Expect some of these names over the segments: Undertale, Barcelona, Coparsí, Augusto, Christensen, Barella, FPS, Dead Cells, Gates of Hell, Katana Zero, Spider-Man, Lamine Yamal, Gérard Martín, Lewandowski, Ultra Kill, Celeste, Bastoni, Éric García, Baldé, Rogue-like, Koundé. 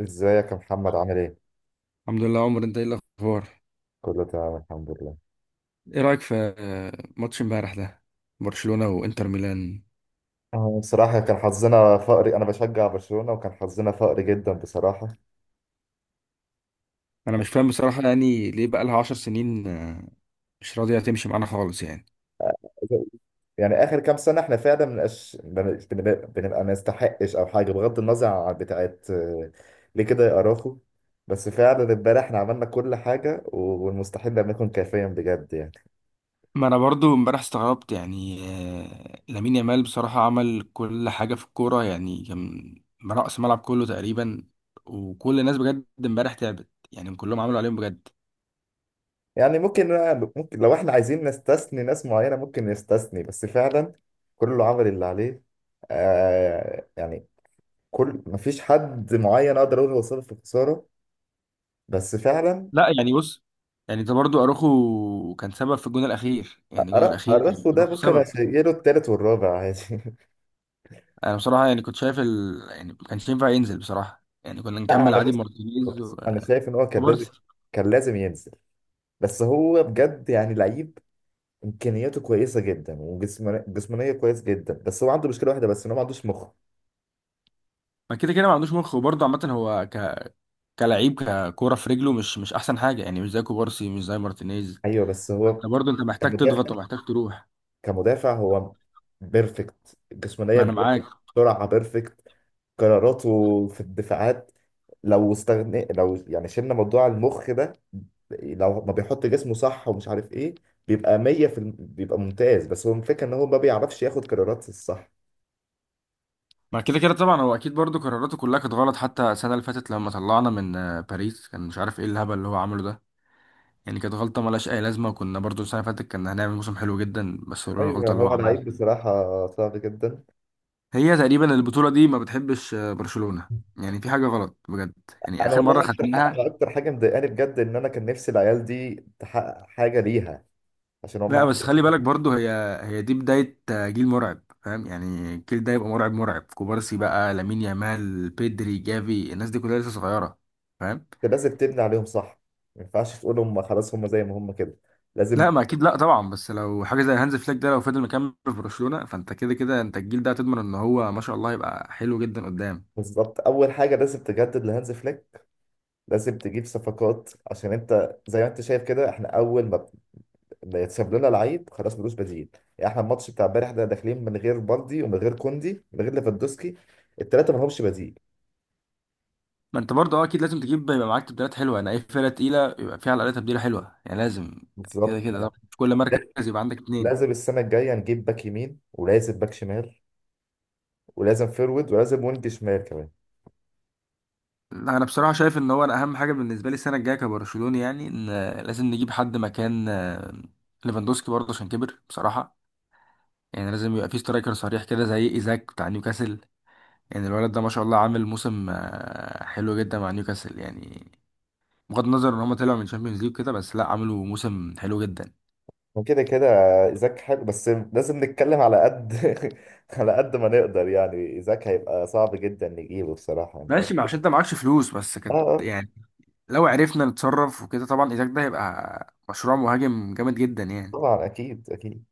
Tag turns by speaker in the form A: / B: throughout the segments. A: ازيك يا محمد؟ عامل ايه؟
B: الحمد لله. عمر، انت ايه الاخبار؟
A: كله تمام الحمد لله.
B: ايه رايك في ماتش امبارح ده؟ برشلونه وانتر ميلان.
A: بصراحة كان حظنا فقري. أنا بشجع برشلونة، وكان حظنا فقري جدا بصراحة.
B: انا مش فاهم بصراحه، يعني ليه بقى لها 10 سنين مش راضيه تمشي معانا خالص يعني.
A: يعني آخر كام سنة إحنا فعلا منبقاش، بنبقى ما نستحقش أو حاجة، بغض النظر عن بتاعت ليه كده يا أراخو؟ بس فعلا امبارح إحنا عملنا كل حاجة، والمستحيل لم يكن كافيا بجد يعني.
B: ما انا برضو امبارح استغربت يعني. لامين يامال بصراحه عمل كل حاجه في الكوره، يعني كان رأس ملعب كله تقريبا. وكل الناس بجد امبارح تعبت، يعني كلهم عملوا عليهم بجد.
A: يعني ممكن لو إحنا عايزين نستثني ناس معينة، ممكن نستثني، بس فعلا كله عمل اللي عليه. يعني كل مفيش حد معين اقدر اقول هو سبب في الخساره، بس فعلا
B: لا يعني بص، يعني ده برضو اروخو كان سبب في الجون الاخير، يعني الجون الاخير كان
A: ارخو ده
B: اروخو
A: ممكن
B: سبب.
A: اشيله التالت والرابع عادي.
B: انا بصراحه يعني كنت شايف يعني ما كانش ينفع ينزل بصراحه، يعني كنا
A: لا
B: نكمل
A: انا
B: عادي
A: بس،
B: مارتينيز
A: بص، انا شايف ان هو كان لازم
B: وكوبارسي.
A: كان لازم ينزل. بس هو بجد يعني لعيب، امكانياته كويسه جدا، وجسمانيه جسمانيه كويس جدا، بس هو عنده مشكله واحده بس، ان هو ما عندوش مخ.
B: ما كده كده ما عندوش مخ، وبرضه عامه هو كلعيب ككوره في رجله مش احسن حاجه، يعني مش زي كوبارسي مش زي مارتينيز.
A: ايوه، بس هو
B: برضه انت محتاج
A: كمدافع،
B: تضغط ومحتاج تروح.
A: كمدافع هو بيرفكت، جسمانيه
B: ما انا معاك.
A: بيرفكت، سرعه بيرفكت، قراراته في الدفاعات، لو استغنى، لو يعني شلنا موضوع المخ ده، لو ما بيحط جسمه صح ومش عارف ايه، بيبقى 100 بيبقى ممتاز. بس هو الفكره ان هو ما بيعرفش ياخد قرارات الصح.
B: ما كده كده طبعا هو اكيد برضه قراراته كلها كانت غلط، حتى السنه اللي فاتت لما طلعنا من باريس كان مش عارف ايه الهبل اللي هو عمله ده. يعني كانت غلطه ملهاش اي لازمه، وكنا برضه السنه اللي فاتت كنا هنعمل موسم حلو جدا، بس هو
A: ايوه
B: الغلطه اللي هو
A: هو
B: عملها.
A: لعيب بصراحه صعب جدا.
B: هي تقريبا البطولة دي ما بتحبش برشلونة، يعني في حاجة غلط بجد. يعني
A: انا
B: آخر مرة
A: والله اكتر
B: ختمناها.
A: أنا اكتر حاجه مضايقاني بجد ان انا كان نفسي العيال دي تحقق حاجه ليها عشان هم
B: لا بس خلي بالك برضو هي دي بداية جيل مرعب، فاهم؟ يعني الجيل ده يبقى مرعب، مرعب. كوبارسي بقى، لامين يامال، بيدري، جافي، الناس دي كلها لسه صغيرة، فاهم؟
A: انت لازم تبني عليهم صح، ما ينفعش تقول هم خلاص هم زي ما هم كده،
B: لا
A: لازم.
B: ما اكيد لا طبعا، بس لو حاجة زي هانز فليك ده لو فضل مكمل في برشلونة فانت كده كده انت الجيل ده هتضمن ان هو ما شاء الله يبقى حلو جدا قدام.
A: بالظبط، اول حاجه لازم تجدد لهانز فليك، لازم تجيب صفقات، عشان انت زي ما انت شايف كده، احنا اول ما بيتساب لنا لعيب خلاص ملوش بديل. يعني احنا الماتش بتاع امبارح ده داخلين من غير بالدي ومن غير كوندي من غير ليفاندوسكي، الثلاثه ما لهمش بديل.
B: ما انت برضه اه، اكيد لازم تجيب يبقى معاك تبديلات حلوه. انا اي فرقه تقيله يبقى فيها على الاقل تبديله حلوه، يعني لازم
A: بالظبط.
B: كده كده طبعا في كل مركز يبقى عندك اتنين.
A: لازم السنه الجايه نجيب باك يمين، ولازم باك شمال، ولازم فيرود، ولازم وينج شمال كمان.
B: لا انا بصراحه شايف ان هو انا اهم حاجه بالنسبه لي السنه الجايه كبرشلوني، يعني ان لازم نجيب حد مكان ليفاندوسكي برضه عشان كبر بصراحه. يعني لازم يبقى في سترايكر صريح كده زي ايزاك بتاع نيوكاسل. يعني الولد ده ما شاء الله عامل موسم حلو جدا مع نيوكاسل، يعني بغض النظر ان هم طلعوا من الشامبيونز ليج كده، بس لا عملوا موسم حلو جدا.
A: وكده كده ايزاك حلو، بس لازم نتكلم على قد على قد ما نقدر، يعني ايزاك هيبقى صعب جدا نجيبه بصراحه، يعني
B: ماشي، ما عشان انت معكش فلوس، بس
A: اه
B: كانت يعني لو عرفنا نتصرف وكده طبعا إيزاك ده هيبقى مشروع مهاجم جامد جدا يعني.
A: طبعا اكيد اكيد.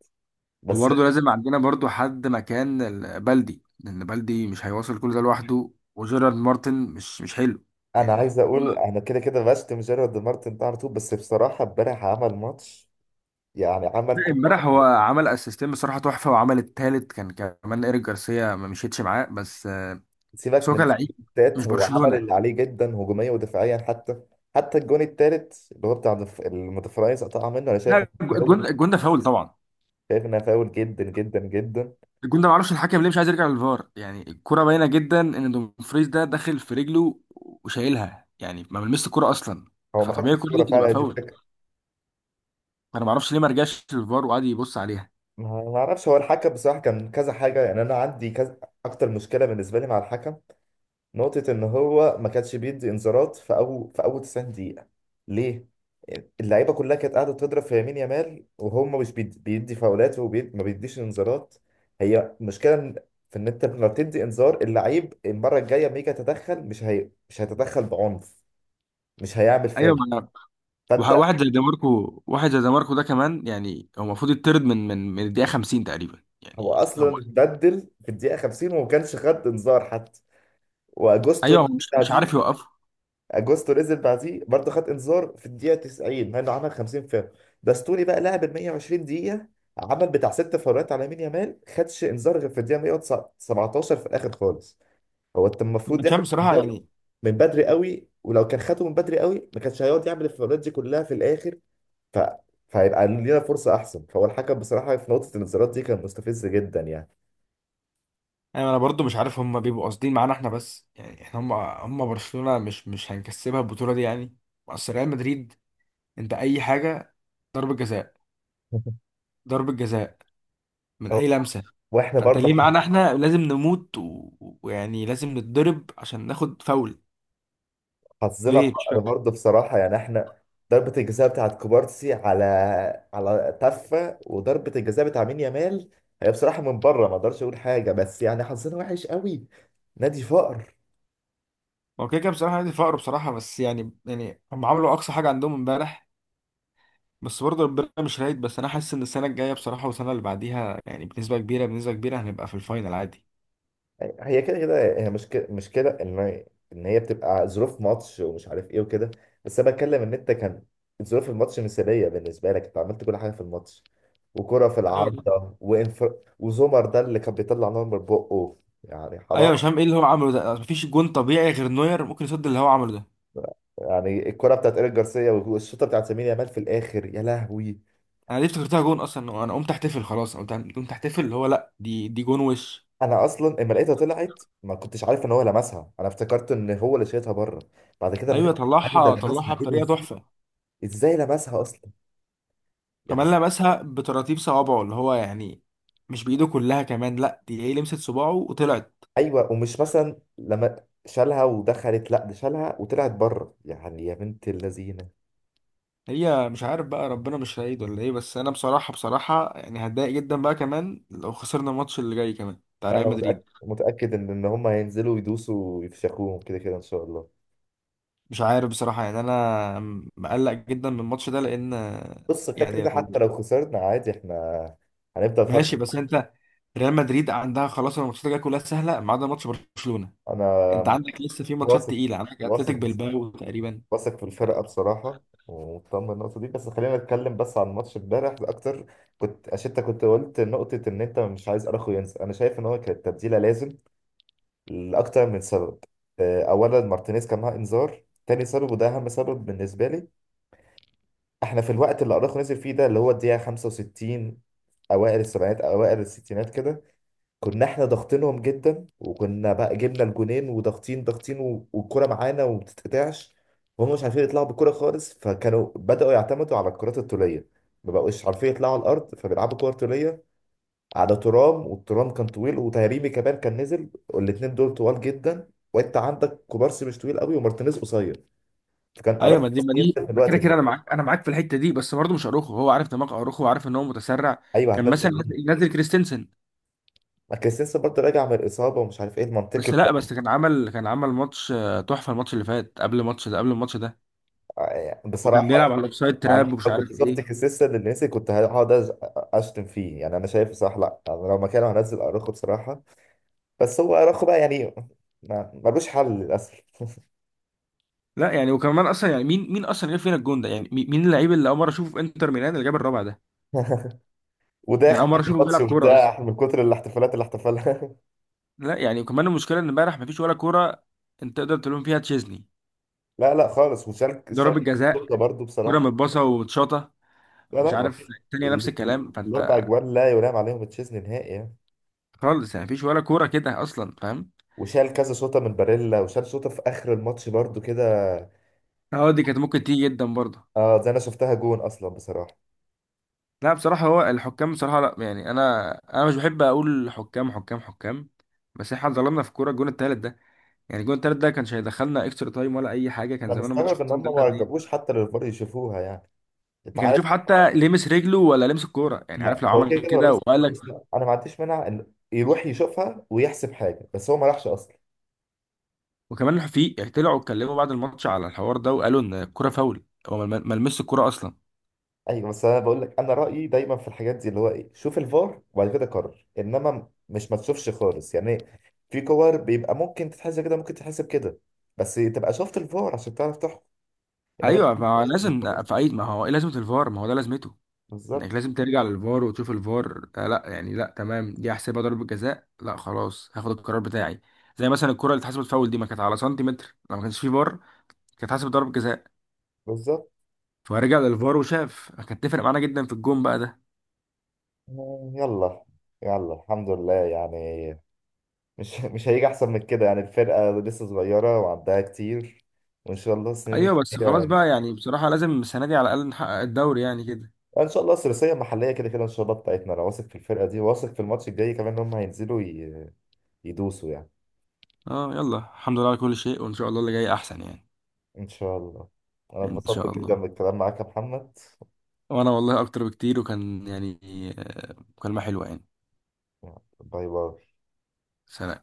A: بس
B: وبرضه لازم عندنا برضه حد مكان بلدي، لأن بلدي مش هيواصل كل ده لوحده، وجيرارد مارتن مش حلو
A: انا
B: يعني.
A: عايز اقول، انا كده كده بشتم جيرارد مارتن ده على طول، بس بصراحه امبارح عمل ماتش، يعني عمل كل اللي
B: امبارح هو
A: عليه.
B: عمل اسيستين بصراحة تحفة، وعمل التالت كان كمان إيريك جارسيا ما مشيتش معاه، بس بس
A: سيبك
B: هو
A: من
B: كان لعيب
A: التات،
B: مش
A: هو عمل
B: برشلونة.
A: اللي عليه جدا، هجوميا ودفاعيا، حتى الجون التالت اللي هو بتاع المتفرايز قطع منه، انا شايف
B: لا
A: انه فاول،
B: الجون، الجون ده فاول طبعا.
A: شايف انها فاول جدا جدا جدا.
B: الجون ده معرفش الحكم ليه مش عايز يرجع للفار، يعني الكرة باينة جدا ان دومفريز ده داخل في رجله وشايلها، يعني ما ملمسش الكرة اصلا.
A: هو ما خدش
B: فطبيعي الكرة دي
A: الكوره
B: تبقى
A: فعلا، دي
B: فاول،
A: الفكره.
B: فانا معرفش ليه ما رجعش للفار وقعد يبص عليها.
A: ما اعرفش، هو الحكم بصراحه كان كذا حاجه، يعني انا عندي كذا. اكتر مشكله بالنسبه لي مع الحكم نقطه، ان هو ما كانش بيدي انذارات في اول 90 دقيقه، ليه؟ اللعيبه كلها كانت قاعده تضرب في يمين يامال، وهم مش بيدي فاولات وما بيديش انذارات. هي المشكله في ان انت لما بتدي انذار اللعيب، المره الجايه لما يجي يتدخل، مش هيتدخل بعنف، مش هيعمل
B: ايوه.
A: فاول.
B: ما أنا-
A: فانت،
B: واحد زي ديماركو، واحد زي ديماركو ده كمان يعني هو المفروض يطرد من من الدقيقة 50 تقريبا
A: هو
B: يعني هو.
A: اصلا بدل في الدقيقه 50 وما كانش خد انذار حتى. واجوستو
B: ايوه هو مش
A: بتاع
B: مش عارف
A: دي،
B: يوقفه.
A: اجوستو نزل بعديه برضه خد انذار في الدقيقه 90، مع انه عمل 50 فاول. باستوني بقى لعب ال 120 دقيقه، عمل بتاع ست فاولات على يمين يامال، خدش انذار غير في الدقيقه 117 في الاخر خالص. هو انت
B: انا
A: المفروض
B: مش عارف
A: ياخد
B: بصراحه
A: انذار
B: يعني.
A: من بدري قوي، ولو كان خده من بدري قوي ما كانش هيقعد يعمل الفاولات دي كلها في الاخر. ف فهيبقى لينا فرصه احسن. فهو الحكم بصراحه في نقطه الانذارات دي كان مستفز جدا يعني.
B: انا انا برضو مش عارف هم بيبقوا قاصدين معانا احنا بس، يعني احنا، هم برشلونه مش هنكسبها البطوله دي يعني. اصل ريال مدريد انت اي حاجه، ضربه جزاء، ضربه جزاء من
A: أو-
B: اي لمسه.
A: واحنا
B: فانت
A: برضه
B: ليه معانا احنا لازم نموت ويعني لازم نتضرب عشان ناخد فاول؟
A: حظنا
B: ليه؟ مش
A: فقر
B: فاهم.
A: برضه بصراحة، يعني احنا ضربة الجزاء بتاعت كوبارسي على تفة، وضربة الجزاء بتاع مين يامال، هي بصراحة من بره ما اقدرش اقول حاجة، بس يعني حظنا وحش قوي، نادي فقر.
B: هو كده كده بصراحه نادي فقر بصراحه، بس يعني يعني هم عملوا اقصى حاجه عندهم امبارح، بس برضه ربنا مش رايد. بس انا حاسس ان السنه الجايه بصراحه والسنه اللي بعديها يعني بنسبه كبيره هنبقى في الفاينل عادي.
A: هي كده كده، هي مشكلة ان هي بتبقى ظروف ماتش ومش عارف ايه وكده. بس انا بتكلم ان انت كان ظروف الماتش مثالية بالنسبة لك، انت عملت كل حاجة في الماتش، وكرة في
B: ايوه.
A: العارضة، وزمر ده اللي كان بيطلع نار من بقه، يعني حرام.
B: ايوه، مش فاهم ايه اللي هو عمله ده، مفيش جون طبيعي غير نوير ممكن يصد اللي هو عمله ده.
A: يعني الكرة بتاعت ايريك جارسيا، والشوطة بتاعت لامين يامال في الاخر، يا لهوي.
B: انا ليه افتكرتها جون اصلا، انا قمت احتفل خلاص، قمت احتفل اللي هو لا، دي جون وش.
A: انا اصلا اما لقيتها طلعت ما كنتش عارف ان هو لمسها، انا افتكرت ان هو اللي شايطها بره، بعد كده ما
B: ايوه،
A: كنت عارف ده
B: طلعها
A: لمسها ايه، ده
B: بطريقه
A: ازاي
B: تحفه.
A: ازاي لمسها اصلا يعني.
B: كمان لمسها بتراتيب صوابعه اللي هو يعني مش بايده كلها كمان، لا دي هي لمست صباعه وطلعت.
A: ايوه، ومش مثلا لما شالها ودخلت، لا ده شالها وطلعت بره يعني، يا بنت اللذينه.
B: هي مش عارف بقى ربنا مش سعيد ولا ايه، بس انا بصراحه، بصراحه يعني هتضايق جدا بقى كمان لو خسرنا الماتش اللي جاي كمان بتاع ريال
A: انا متاكد
B: مدريد.
A: متاكد ان هم هينزلوا يدوسوا ويفشخوهم كده كده ان شاء الله.
B: مش عارف بصراحه يعني، انا مقلق جدا من الماتش ده، لان
A: بص كده
B: يعني
A: كده، حتى
B: لو
A: لو خسرنا عادي احنا هنفضل فرق.
B: ماشي، بس انت ريال مدريد عندها خلاص الماتشات الجايه كلها سهله ما عدا ماتش برشلونه.
A: انا
B: انت عندك لسه في ماتشات
A: واثق،
B: تقيله، عندك اتلتيك
A: واثق،
B: بالباو تقريبا.
A: واثق في
B: ف...
A: الفرقة بصراحة، ومطمن النقطة دي. بس خلينا نتكلم بس عن ماتش امبارح أكتر. كنت عشان أنت كنت قلت نقطة إن أنت مش عايز أراخو ينزل، أنا شايف إن هو كانت تبديلة لازم لأكتر من سبب. أولا مارتينيز كان معاه إنذار، تاني سبب وده أهم سبب بالنسبة لي، إحنا في الوقت اللي أراخو نزل فيه ده اللي هو الدقيقة 65، أوائل السبعينات أوائل الستينات كده، كنا احنا ضاغطينهم جدا، وكنا بقى جبنا الجونين وضاغطين ضاغطين والكرة معانا وما بتتقطعش، وهم مش عارفين يطلعوا بالكرة خالص، فكانوا بدأوا يعتمدوا على الكرات الطولية، ما بقوش عارفين يطلعوا على الأرض فبيلعبوا كرة طولية على ترام، والترام كان طويل، وتهريبي كمان كان نزل، والاتنين دول طوال جدا، وانت عندك كوبارسي مش طويل قوي ومارتينيز قصير، فكان
B: ايوه،
A: أراخو
B: ما دي ما
A: ينزل
B: دي
A: في
B: ما كده
A: الوقت
B: كده انا
A: ده.
B: معاك، انا معاك في الحته دي، بس برضه مش اروخو، هو عارف دماغ اروخو وعارف ان هو متسرع.
A: ايوه
B: كان مثلا
A: هتنزل مين؟
B: نازل، نازل كريستنسن.
A: ما كريستنسن برضه راجع من الإصابة، ومش عارف ايه المنطقي
B: بس لا، بس كان عمل ماتش تحفه، الماتش اللي فات قبل الماتش ده قبل الماتش ده. وكان
A: بصراحة.
B: بيلعب على الاوفسايد
A: انا
B: تراب ومش
A: لو كنت
B: عارف ايه.
A: شفت خسيسة للناس كنت هقعد اشتم فيه، يعني انا شايف صح. لا، أنا لو مكانه هنزل اراخو بصراحه، بس هو اراخو بقى يعني ملوش حل للاسف.
B: لا يعني وكمان اصلا، يعني مين اصلا جاب فينا الجون ده؟ يعني مين اللعيب اللي اول مره اشوفه في انتر ميلان اللي جاب الرابع ده؟ يعني
A: وداخل
B: اول مره
A: على
B: اشوفه
A: الماتش
B: بيلعب كوره اصلا.
A: وبتاع من كتر الاحتفالات اللي احتفلها.
B: لا يعني كمان المشكله ان امبارح مفيش ولا كوره انت تقدر تلوم فيها تشيزني.
A: لا، لا، خالص، وشارك
B: ضربة
A: شارك
B: جزاء،
A: البطولة برضه
B: كوره
A: بصراحه.
B: متباصه ومتشاطه.
A: لا،
B: مش
A: لا، ما
B: عارف،
A: فيش.
B: التانية نفس
A: ال-
B: الكلام.
A: الاربع
B: فانت
A: اجوان لا يرام عليهم تشيزني نهائي يعني.
B: خالص، يعني مفيش ولا كوره كده اصلا، فاهم؟
A: وشال كذا شوطه من باريلا، وشال شوطه في اخر الماتش برضه كده.
B: اه دي كانت ممكن تيجي جدا برضه.
A: اه، زي انا شفتها جون اصلا بصراحه.
B: لا بصراحه هو الحكام بصراحه، لا يعني انا انا مش بحب اقول حكام حكام حكام، بس احنا ظلمنا في كوره الجون التالت ده. يعني الجون التالت ده كانش هيدخلنا اكسترا تايم ولا اي حاجه، كان
A: انا
B: زمان الماتش
A: مستغرب ان
B: خلصان
A: هم
B: 3
A: ما
B: 2
A: جابوش حتى للفار يشوفوها، يعني انت
B: كان
A: عارف.
B: يشوف حتى لمس رجله ولا لمس الكوره، يعني
A: لا،
B: عارف، لو
A: هو
B: عمل
A: كده كده هو
B: كده
A: لابس كتير،
B: وقال.
A: بس انا أنا ما عنديش مانع ان يروح يشوفها ويحسب حاجه، بس هو ما راحش اصلا.
B: وكمان في طلعوا اتكلموا بعد الماتش على الحوار ده، وقالوا ان الكرة فاول، هو ما لمسش الكرة اصلا.
A: ايوه بس انا بقول لك، انا رايي دايما في الحاجات دي، اللي هو ايه، شوف الفار وبعد كده قرر، انما مش ما تشوفش خالص يعني. في كور بيبقى ممكن تتحسب كده، ممكن تتحسب كده، بس تبقى شفت الفار عشان تعرف تحكم. انما
B: ايوه. ما هو
A: تشوف الفار
B: لازم
A: أصلاً.
B: في اي، ما هو ايه لازمة الفار؟ ما هو ده لازمته،
A: بالظبط.
B: انك لازم ترجع للفار وتشوف الفار. آه لا يعني، لا تمام دي احسبها ضربة جزاء، لا خلاص هاخد القرار بتاعي. زي مثلا الكرة اللي اتحسبت فاول دي ما كانت على سنتيمتر، لو ما كانش في فار كانت اتحسبت ضربة جزاء.
A: بالظبط.
B: فرجع للفار وشاف، كانت تفرق معانا جدا في الجون بقى ده.
A: يلا يلا الحمد لله يعني. مش مش هيجي احسن من كده يعني. الفرقه لسه صغيره وعندها كتير، وان شاء الله السنين
B: ايوه بس خلاص
A: الجايه
B: بقى، يعني بصراحة لازم السنة دي على الاقل نحقق الدوري يعني كده.
A: ان شاء الله. الثلاثيه المحليه كده كده ان شاء الله بتاعتنا. انا واثق في الفرقه دي، واثق في الماتش الجاي كمان، ان هم هينزلوا يدوسوا يعني
B: اه يلا، الحمد لله على كل شيء، وان شاء الله اللي جاي احسن يعني.
A: ان شاء الله. انا
B: ان
A: اتبسطت
B: شاء
A: جدا
B: الله.
A: بالكلام معاك يا محمد.
B: وانا والله اكتر بكتير، وكان يعني مكالمة حلوة يعني.
A: باي باي.
B: سلام.